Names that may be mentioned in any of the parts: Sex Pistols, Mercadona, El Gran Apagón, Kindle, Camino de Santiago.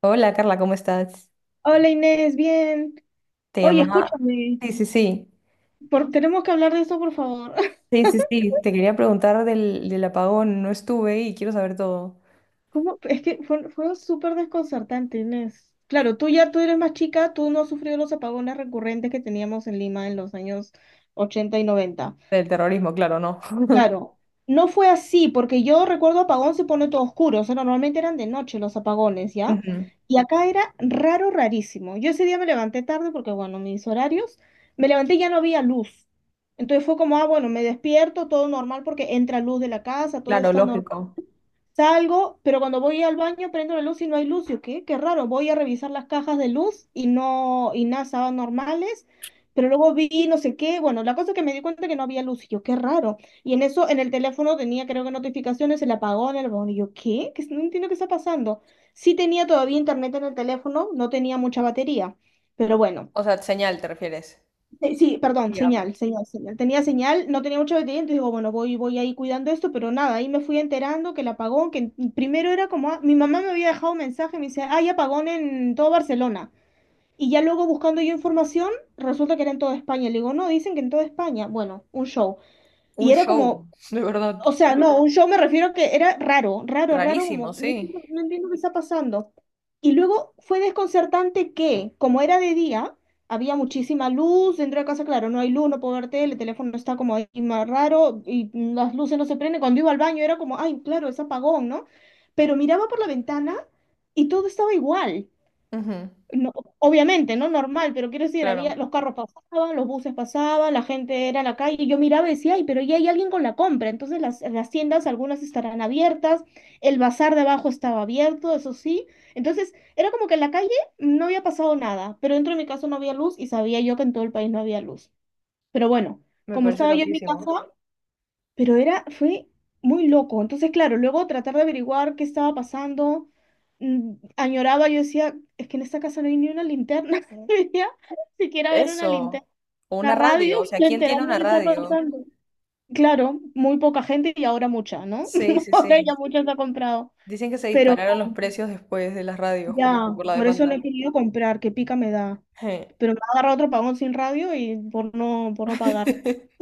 Hola Carla, ¿cómo estás? Hola Inés, bien. Te Oye, llamaba. escúchame, Sí, sí, sí. Tenemos que hablar de eso, por favor. Sí, sí, sí. Te quería preguntar del apagón. No estuve y quiero saber todo. ¿Cómo? Es que fue súper desconcertante, Inés. Claro, tú eres más chica, tú no has sufrido los apagones recurrentes que teníamos en Lima en los años 80 y 90. Del terrorismo, claro, no. Claro, no fue así, porque yo recuerdo apagón se pone todo oscuro, o sea, normalmente eran de noche los apagones, ¿ya? Ujú. Y acá era raro, rarísimo. Yo ese día me levanté tarde porque, bueno, mis horarios, me levanté y ya no había luz. Entonces fue como, ah, bueno, me despierto, todo normal porque entra luz de la casa, todo Claro, está normal. lógico. Salgo, pero cuando voy al baño prendo la luz y no hay luz. Yo, ¿qué? Qué raro. Voy a revisar las cajas de luz y no, y nada, estaban normales. Pero luego vi no sé qué. Bueno, la cosa es que me di cuenta que no había luz. Y yo, qué raro. Y en eso, en el teléfono tenía, creo que notificaciones, el apagón, el apagón. Y yo, ¿qué? ¿Qué? No entiendo qué está pasando. Sí tenía todavía internet en el teléfono, no tenía mucha batería. Pero bueno. O sea, señal, ¿te refieres? Sí, sí, perdón, Ya. señal, señal, señal. Tenía señal, no tenía mucha batería, entonces digo, bueno, voy ahí cuidando esto, pero nada, ahí me fui enterando que el apagón, que primero era como, ah, mi mamá me había dejado un mensaje, me dice, hay apagón en todo Barcelona. Y ya luego buscando yo información, resulta que era en toda España. Le digo, no, dicen que en toda España. Bueno, un show. Un Y era show, como, de verdad. o sea, no, un show me refiero que era raro, raro, raro, Rarísimo, como no, sí. Entiendo qué está pasando. Y luego fue desconcertante que, como era de día, había muchísima luz dentro de casa, claro, no hay luz, no puedo ver tele, el teléfono está como ahí más raro y las luces no se prenden. Cuando iba al baño era como, ay, claro, es apagón, ¿no? Pero miraba por la ventana y todo estaba igual. Ujú, No, obviamente, ¿no? Normal, pero quiero decir, claro, había, los carros pasaban, los buses pasaban, la gente era en la calle, y yo miraba y decía, ay, pero ya hay alguien con la compra, entonces las tiendas, algunas estarán abiertas, el bazar de abajo estaba abierto, eso sí, entonces era como que en la calle no había pasado nada, pero dentro de mi casa no había luz y sabía yo que en todo el país no había luz, pero bueno, me como parece estaba yo en mi loquísimo. casa, pero era, fue muy loco. Entonces, claro, luego tratar de averiguar qué estaba pasando, añoraba, yo decía, es que en esta casa no hay ni una linterna. Decía, siquiera ver una linterna, Eso. O una una radio, radio. O sea, para ¿quién tiene enterarme de una qué está radio? pasando. Claro, muy poca gente y ahora mucha, ¿no? Sí, sí, O sea, sí. ya mucha se ha comprado. Dicen que se Pero dispararon los precios después de las radios, como ya, que por la por eso no demanda. he querido comprar, que pica me da. Je. Pero me ha agarrado otro pagón sin radio y por no pagar.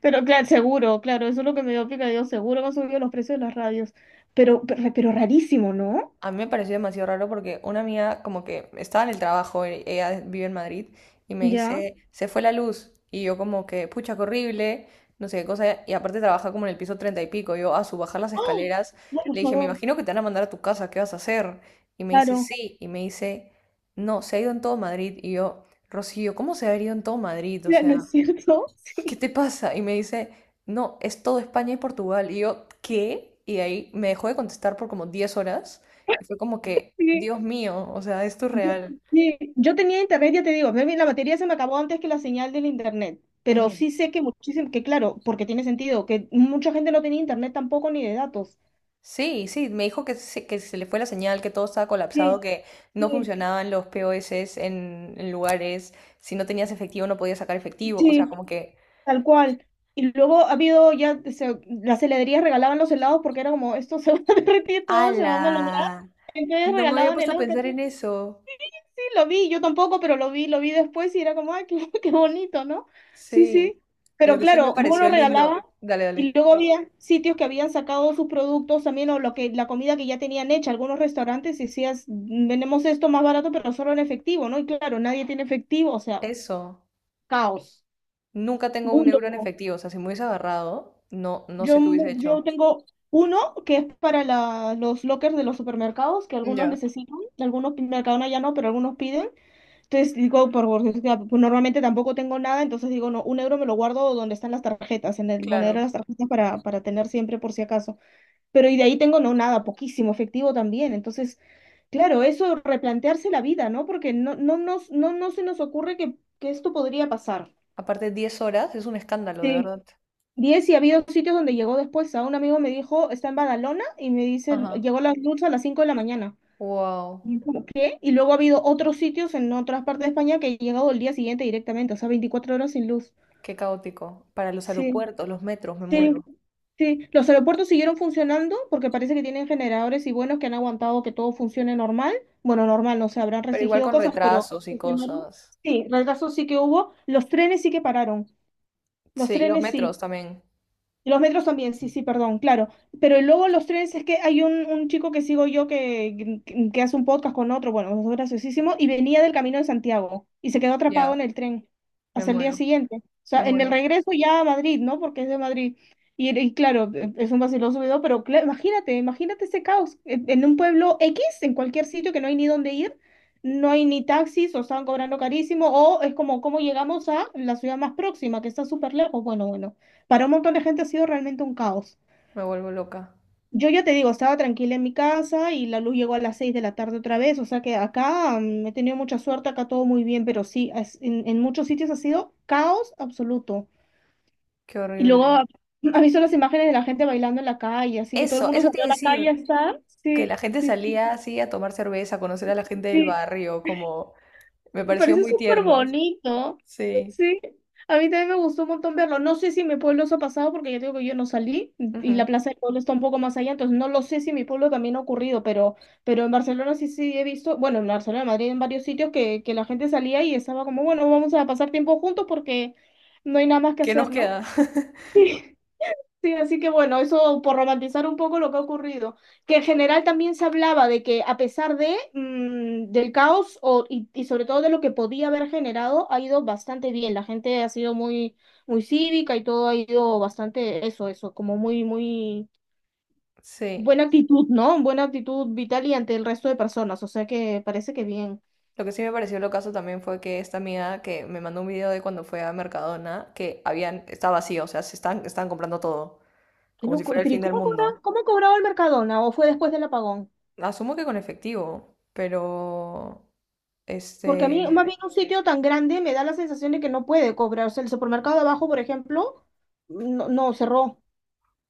Pero claro, seguro, claro, eso es lo que me dio picadillo, seguro que han subido los precios de las radios. Pero rarísimo, ¿no? A mí me pareció demasiado raro porque una amiga como que estaba en el trabajo, ella vive en Madrid, y me Ya. dice, se fue la luz. Y yo como que, pucha, qué horrible, no sé qué cosa. Y aparte trabaja como en el piso 30 y pico. Yo a su bajar las ¡Oh! escaleras No, le por dije, me favor, imagino que te van a mandar a tu casa, ¿qué vas a hacer? Y me dice, claro. sí. Y me dice, no, se ha ido en todo Madrid. Y yo, Rocío, ¿cómo se ha ido en todo Madrid? O Ya, ¿no sea... es cierto? ¿qué Sí, te pasa? Y me dice, no, es todo España y Portugal. Y yo, ¿qué? Y ahí me dejó de contestar por como 10 horas. Y fue como que, sí. Dios mío, o sea, esto es Yo, real. sí. Yo tenía internet, ya te digo, la batería se me acabó antes que la señal del internet. Pero Ujú. sí sé que muchísimo, que claro, porque tiene sentido, que mucha gente no tenía internet tampoco ni de datos. Sí, sí, me dijo que se le fue la señal, que todo estaba colapsado, Sí, que no sí, funcionaban los POS en lugares, si no tenías efectivo no podías sacar efectivo, o sea, sí, como que, tal cual. Y luego ha habido ya, o sea, las heladerías regalaban los helados porque era como, esto se va a derretir todo, se va a malograr. ¡ala! Entonces No me había regalaban puesto a helados que pensar sí, en eso. lo vi, yo tampoco, pero lo vi después y era como, ay, qué, qué bonito, ¿no? Sí, sí. Sí, lo Pero que sí me claro, vos lo pareció lindo. regalabas Dale, y dale. luego había sitios que habían sacado sus productos también o lo que, la comida que ya tenían hecha. Algunos restaurantes decías, "Mm, vendemos esto más barato, pero solo en efectivo, ¿no?". Y claro, nadie tiene efectivo, o sea, Eso. caos. Nunca tengo Muy un euro en loco. efectivo, o sea, si me hubiese agarrado, no, no Yo, sé qué hubiese yo hecho. tengo uno que es para los lockers de los supermercados, que algunos Ya, necesitan, Mercadona ya no, pero algunos piden. Entonces digo, por gordura, pues normalmente tampoco tengo nada, entonces digo, no, un euro me lo guardo donde están las tarjetas, en el monedero claro. de las tarjetas para tener siempre por si acaso. Pero y de ahí tengo no nada, poquísimo, efectivo también. Entonces, claro, eso replantearse la vida, ¿no? Porque no, no, no, no se nos ocurre que esto podría pasar. Aparte, 10 horas es un escándalo, de verdad. 10, y ha habido sitios donde llegó después. A un amigo me dijo, está en Badalona y me dice, Ajá. llegó la luz a las 5 de la mañana. Wow, Y yo como, ¿qué? Y luego ha habido otros sitios en otras partes de España que he llegado el día siguiente directamente, o sea, 24 horas sin luz. qué caótico. Para los Sí, aeropuertos, los metros, me sí, muero. sí. Los aeropuertos siguieron funcionando porque parece que tienen generadores y buenos que han aguantado que todo funcione normal. Bueno, normal, no se habrán Pero igual restringido con cosas, pero retrasos y funcionaron. cosas. Sí, retrasos sí que hubo. Los trenes sí que pararon. Los Sí, y los trenes metros sí. también. Los metros también, sí, sí, perdón, claro. Pero luego los trenes es que hay un chico que sigo yo que hace un podcast con otro, bueno, es graciosísimo, y venía del Camino de Santiago y se quedó atrapado Ya. en el tren Me hasta el día muero, siguiente. O sea, me en el muero, regreso ya a Madrid, ¿no? Porque es de Madrid. Y claro, e, es un vaciloso video, pero imagínate, imagínate ese caos. En un pueblo X, en cualquier sitio que no hay ni dónde ir, no hay ni taxis, o estaban cobrando carísimo, o es como, ¿cómo llegamos a la ciudad más próxima, que está súper lejos? Bueno, bueno, para un montón de gente ha sido realmente un caos. me vuelvo loca. Yo ya te digo, estaba tranquila en mi casa y la luz llegó a las 6 de la tarde otra vez, o sea que acá he tenido mucha suerte, acá todo muy bien, pero sí, en muchos sitios ha sido caos absoluto. Qué Y luego horrible. ha visto las imágenes de la gente bailando en la calle, así que todo el Eso, mundo eso tiene salió que a la calle decir a estar. que Sí, la gente sí, salía así a tomar cerveza, a conocer a la sí. gente del Sí. barrio, como me Me pareció parece muy súper tierno. bonito. Sí. Sí. A mí también me gustó un montón verlo. No sé si en mi pueblo se ha pasado porque yo digo que yo no salí y la Ujú. plaza del pueblo está un poco más allá, entonces no lo sé si en mi pueblo también ha ocurrido, pero en Barcelona sí sí he visto, bueno, en Barcelona, Madrid, en varios sitios que la gente salía y estaba como, bueno, vamos a pasar tiempo juntos porque no hay nada más que ¿Qué nos hacer, ¿no? queda? Sí, así que bueno, eso por romantizar un poco lo que ha ocurrido, que en general también se hablaba de que a pesar de del caos o, y sobre todo de lo que podía haber generado, ha ido bastante bien. La gente ha sido muy, muy cívica y todo ha ido bastante eso, eso, como muy, muy Sí. buena actitud, ¿no? Buena actitud vital y ante el resto de personas. O sea que parece que bien. Lo que sí me pareció lo caso también fue que esta amiga que me mandó un video de cuando fue a Mercadona, que habían, está vacío, o sea, se están comprando todo, Qué como si loco. fuera ¿Y el pero, fin y del mundo. cómo cobraba el Mercadona? ¿O fue después del apagón? Asumo que con efectivo, pero Porque a mí, este, más bien un sitio tan grande me da la sensación de que no puede cobrar. O sea, el supermercado de abajo, por ejemplo, no, no cerró.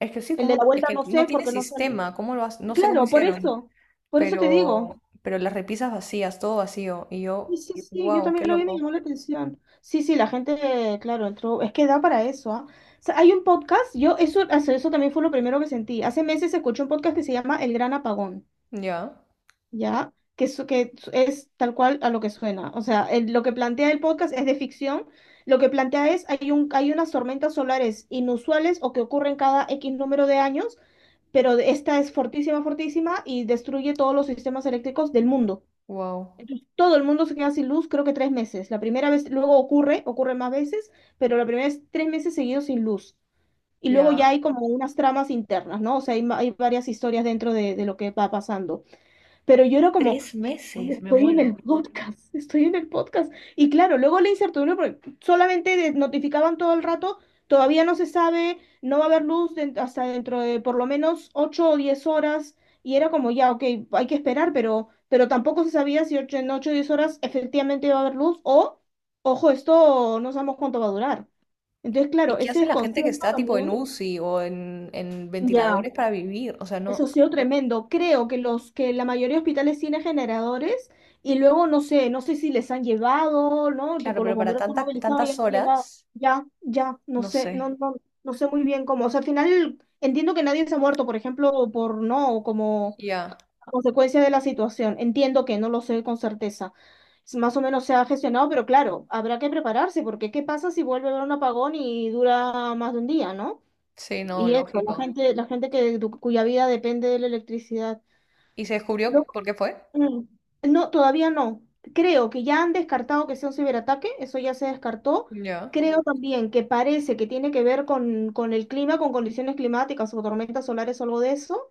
es que sí, El de la como, es vuelta que no no sé tiene porque no salió. sistema, no sé cómo Claro, por hicieron, eso. Por eso te digo. Pero las repisas vacías, todo vacío, y Sí, yo, sí, sí, yo wow, qué también lo vi, me loco. llamó la atención. Sí, sí, la gente, claro, entró. Es que da para eso, ¿ah? O sea, hay un podcast, yo, eso también fue lo primero que sentí. Hace meses escuché un podcast que se llama El Gran Apagón. Ya, ¿Ya? Que es tal cual a lo que suena. O sea, lo que plantea el podcast es de ficción. Lo que plantea es, hay unas tormentas solares inusuales o que ocurren cada X número de años, pero esta es fortísima, fortísima y destruye todos los sistemas eléctricos del mundo. wow, Entonces, todo el mundo se queda sin luz, creo que 3 meses. La primera vez, luego ocurre más veces, pero la primera es 3 meses seguidos sin luz. Y luego ya. ya hay como unas tramas internas, ¿no? O sea, hay, hay varias historias dentro de lo que va pasando. Pero yo era como, Tres oye, meses, me estoy en muero. el podcast, estoy en el podcast. Y claro, luego la incertidumbre, porque solamente notificaban todo el rato, todavía no se sabe, no va a haber luz hasta dentro de por lo menos 8 o 10 horas, y era como ya, ok, hay que esperar, pero tampoco se sabía si en 8 o 10 horas efectivamente iba a haber luz o, ojo, esto no sabemos cuánto va a durar. Entonces, ¿Y claro, qué ese hace la gente que desconcierto está tipo en también. UCI o en Ya. ventiladores para vivir? O sea, Eso ha no, sido tremendo. Creo que los que la mayoría de hospitales tienen generadores y luego no sé, no sé si les han llevado, ¿no? claro, Tipo los pero para bomberos se han tantas movilizado tantas y han horas, llevado. Ya, ya, no no sé, no, sé. no, no sé muy bien cómo. O sea, al final entiendo que nadie se ha muerto, por ejemplo, por no, como Ya, a consecuencia de la situación. Entiendo que no lo sé con certeza. Es más o menos se ha gestionado, pero claro, habrá que prepararse, porque ¿qué pasa si vuelve a haber un apagón y dura más de un día, ¿no? sí, no, Y eso, lógico. La gente que, cuya vida depende de la electricidad. ¿Y se No, descubrió por qué fue? mm, no, todavía no. Creo que ya han descartado que sea un ciberataque, eso ya se descartó. Ya, Creo también que parece que tiene que ver con el clima, con condiciones climáticas o tormentas solares o algo de eso.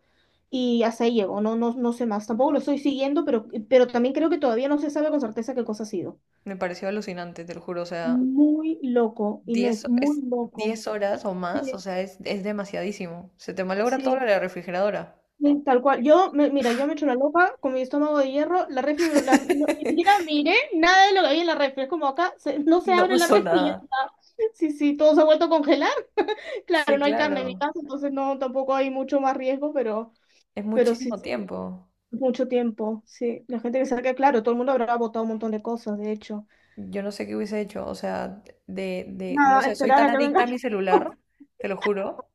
Y hasta ahí llego, no, no, no sé más. Tampoco lo estoy siguiendo, pero también creo que todavía no se sabe con certeza qué cosa ha sido. me pareció alucinante, te lo juro. O sea, Muy loco, 10, Inés, muy es loco. 10 horas o más, o Sí, sea, es demasiadísimo. Se te malogra todo lo sí. de la refrigeradora. Sí, tal cual. Yo, mira, yo me echo una loca con mi estómago de hierro, la refri, ni siquiera miré nada de lo que había en la refri. Es como acá, no se No abre la pasó refri y ya nada. está. Sí, sí, todo se ha vuelto a congelar. Claro, Sí, no hay carne en mi claro. casa, entonces no, tampoco hay mucho más riesgo, Es pero sí, muchísimo sí, tiempo. mucho tiempo. Sí, la gente que saque, claro, todo el mundo habrá botado un montón de cosas, de hecho. Yo no sé qué hubiese hecho, o sea, no Nada, sé, soy esperar tan a que venga. adicta a mi celular, te lo juro.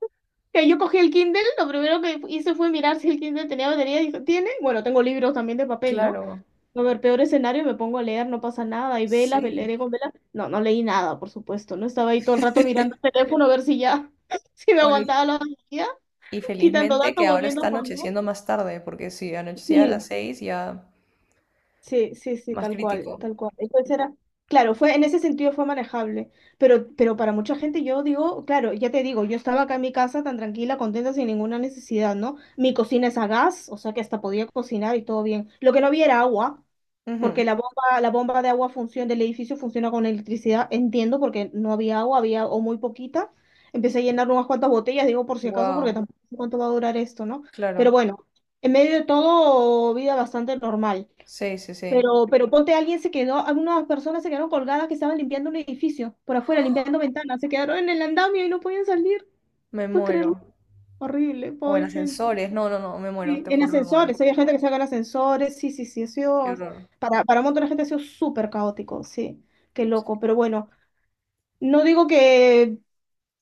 Que yo cogí el Kindle, lo primero que hice fue mirar si el Kindle tenía batería, y dije, ¿tiene? Bueno, tengo libros también de papel, ¿no? Claro, A ver, peor escenario, me pongo a leer, no pasa nada. Y velas, sí. leeré con velas. No, no leí nada, por supuesto. No estaba ahí todo el rato mirando el teléfono a ver si ya, si me Bueno, aguantaba la batería, y quitando felizmente datos, que ahora volviendo está a poner. anocheciendo más tarde, porque si anochecía a las Sí. 6 ya Sí, sí, sí, más tal cual, crítico. tal cual. Entonces era, claro, fue, en ese sentido fue manejable, pero para mucha gente yo digo, claro, ya te digo, yo estaba acá en mi casa tan tranquila, contenta, sin ninguna necesidad, ¿no? Mi cocina es a gas, o sea que hasta podía cocinar y todo bien. Lo que no había era agua, porque la bomba de agua funciona, del edificio funciona con electricidad, entiendo, porque no había agua, había o muy poquita. Empecé a llenar unas cuantas botellas, digo por si acaso, porque Wow, tampoco sé cuánto va a durar esto, ¿no? Pero claro. bueno, en medio de todo, vida bastante normal. Sí, sí, sí. Pero ponte, alguien se quedó, algunas personas se quedaron colgadas que estaban limpiando un edificio por afuera, limpiando ventanas, se quedaron en el andamio y no podían salir. Me ¿Puedes muero. creerlo? Horrible, O en pobre gente. ascensores, no, no, no, me muero, Sí, te en juro, me muero. ascensores, había gente que se en ascensores, sí, sí, sí, ha Qué sido, horror. Para un montón de gente ha sido súper caótico, sí, qué loco. Sí, Pero bueno, no digo que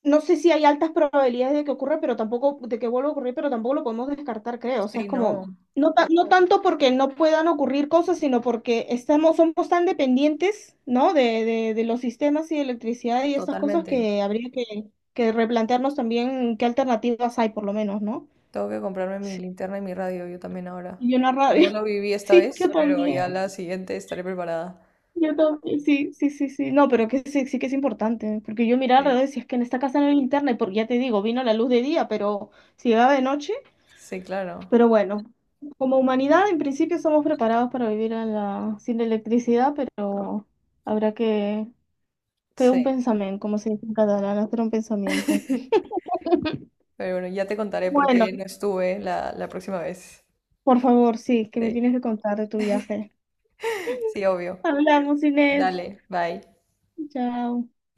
no sé si hay altas probabilidades de que ocurra, pero tampoco, de que vuelva a ocurrir, pero tampoco lo podemos descartar, creo. O sea, sí, es como, no, no, no tanto porque no puedan ocurrir cosas, sino porque estamos, somos tan dependientes, ¿no? De los sistemas y de electricidad y estas cosas totalmente. que habría que replantearnos también qué alternativas hay, por lo menos, ¿no? Tengo que comprarme mi Sí. linterna y mi radio yo también ahora. Y una No rabia. lo viví esta Sí, yo vez, pero ya también. la siguiente estaré preparada. Yo también. Sí, sí, sí, sí. No, pero que sí, sí que es importante, porque yo miraba Sí, alrededor y decía, es que en esta casa no hay internet, porque ya te digo, vino la luz de día, pero si llegaba de noche. sí, claro. Pero bueno, como humanidad en principio somos preparados para vivir en sin electricidad, pero habrá que hacer un Sí. pensamiento, como se dice en catalán, hacer un pensamiento. Pero bueno, ya te contaré por Bueno, qué no estuve la próxima vez. por favor, sí, que me Sí, tienes que contar de tu viaje. sí, obvio. Hablamos, Inés. Dale, bye. Chao.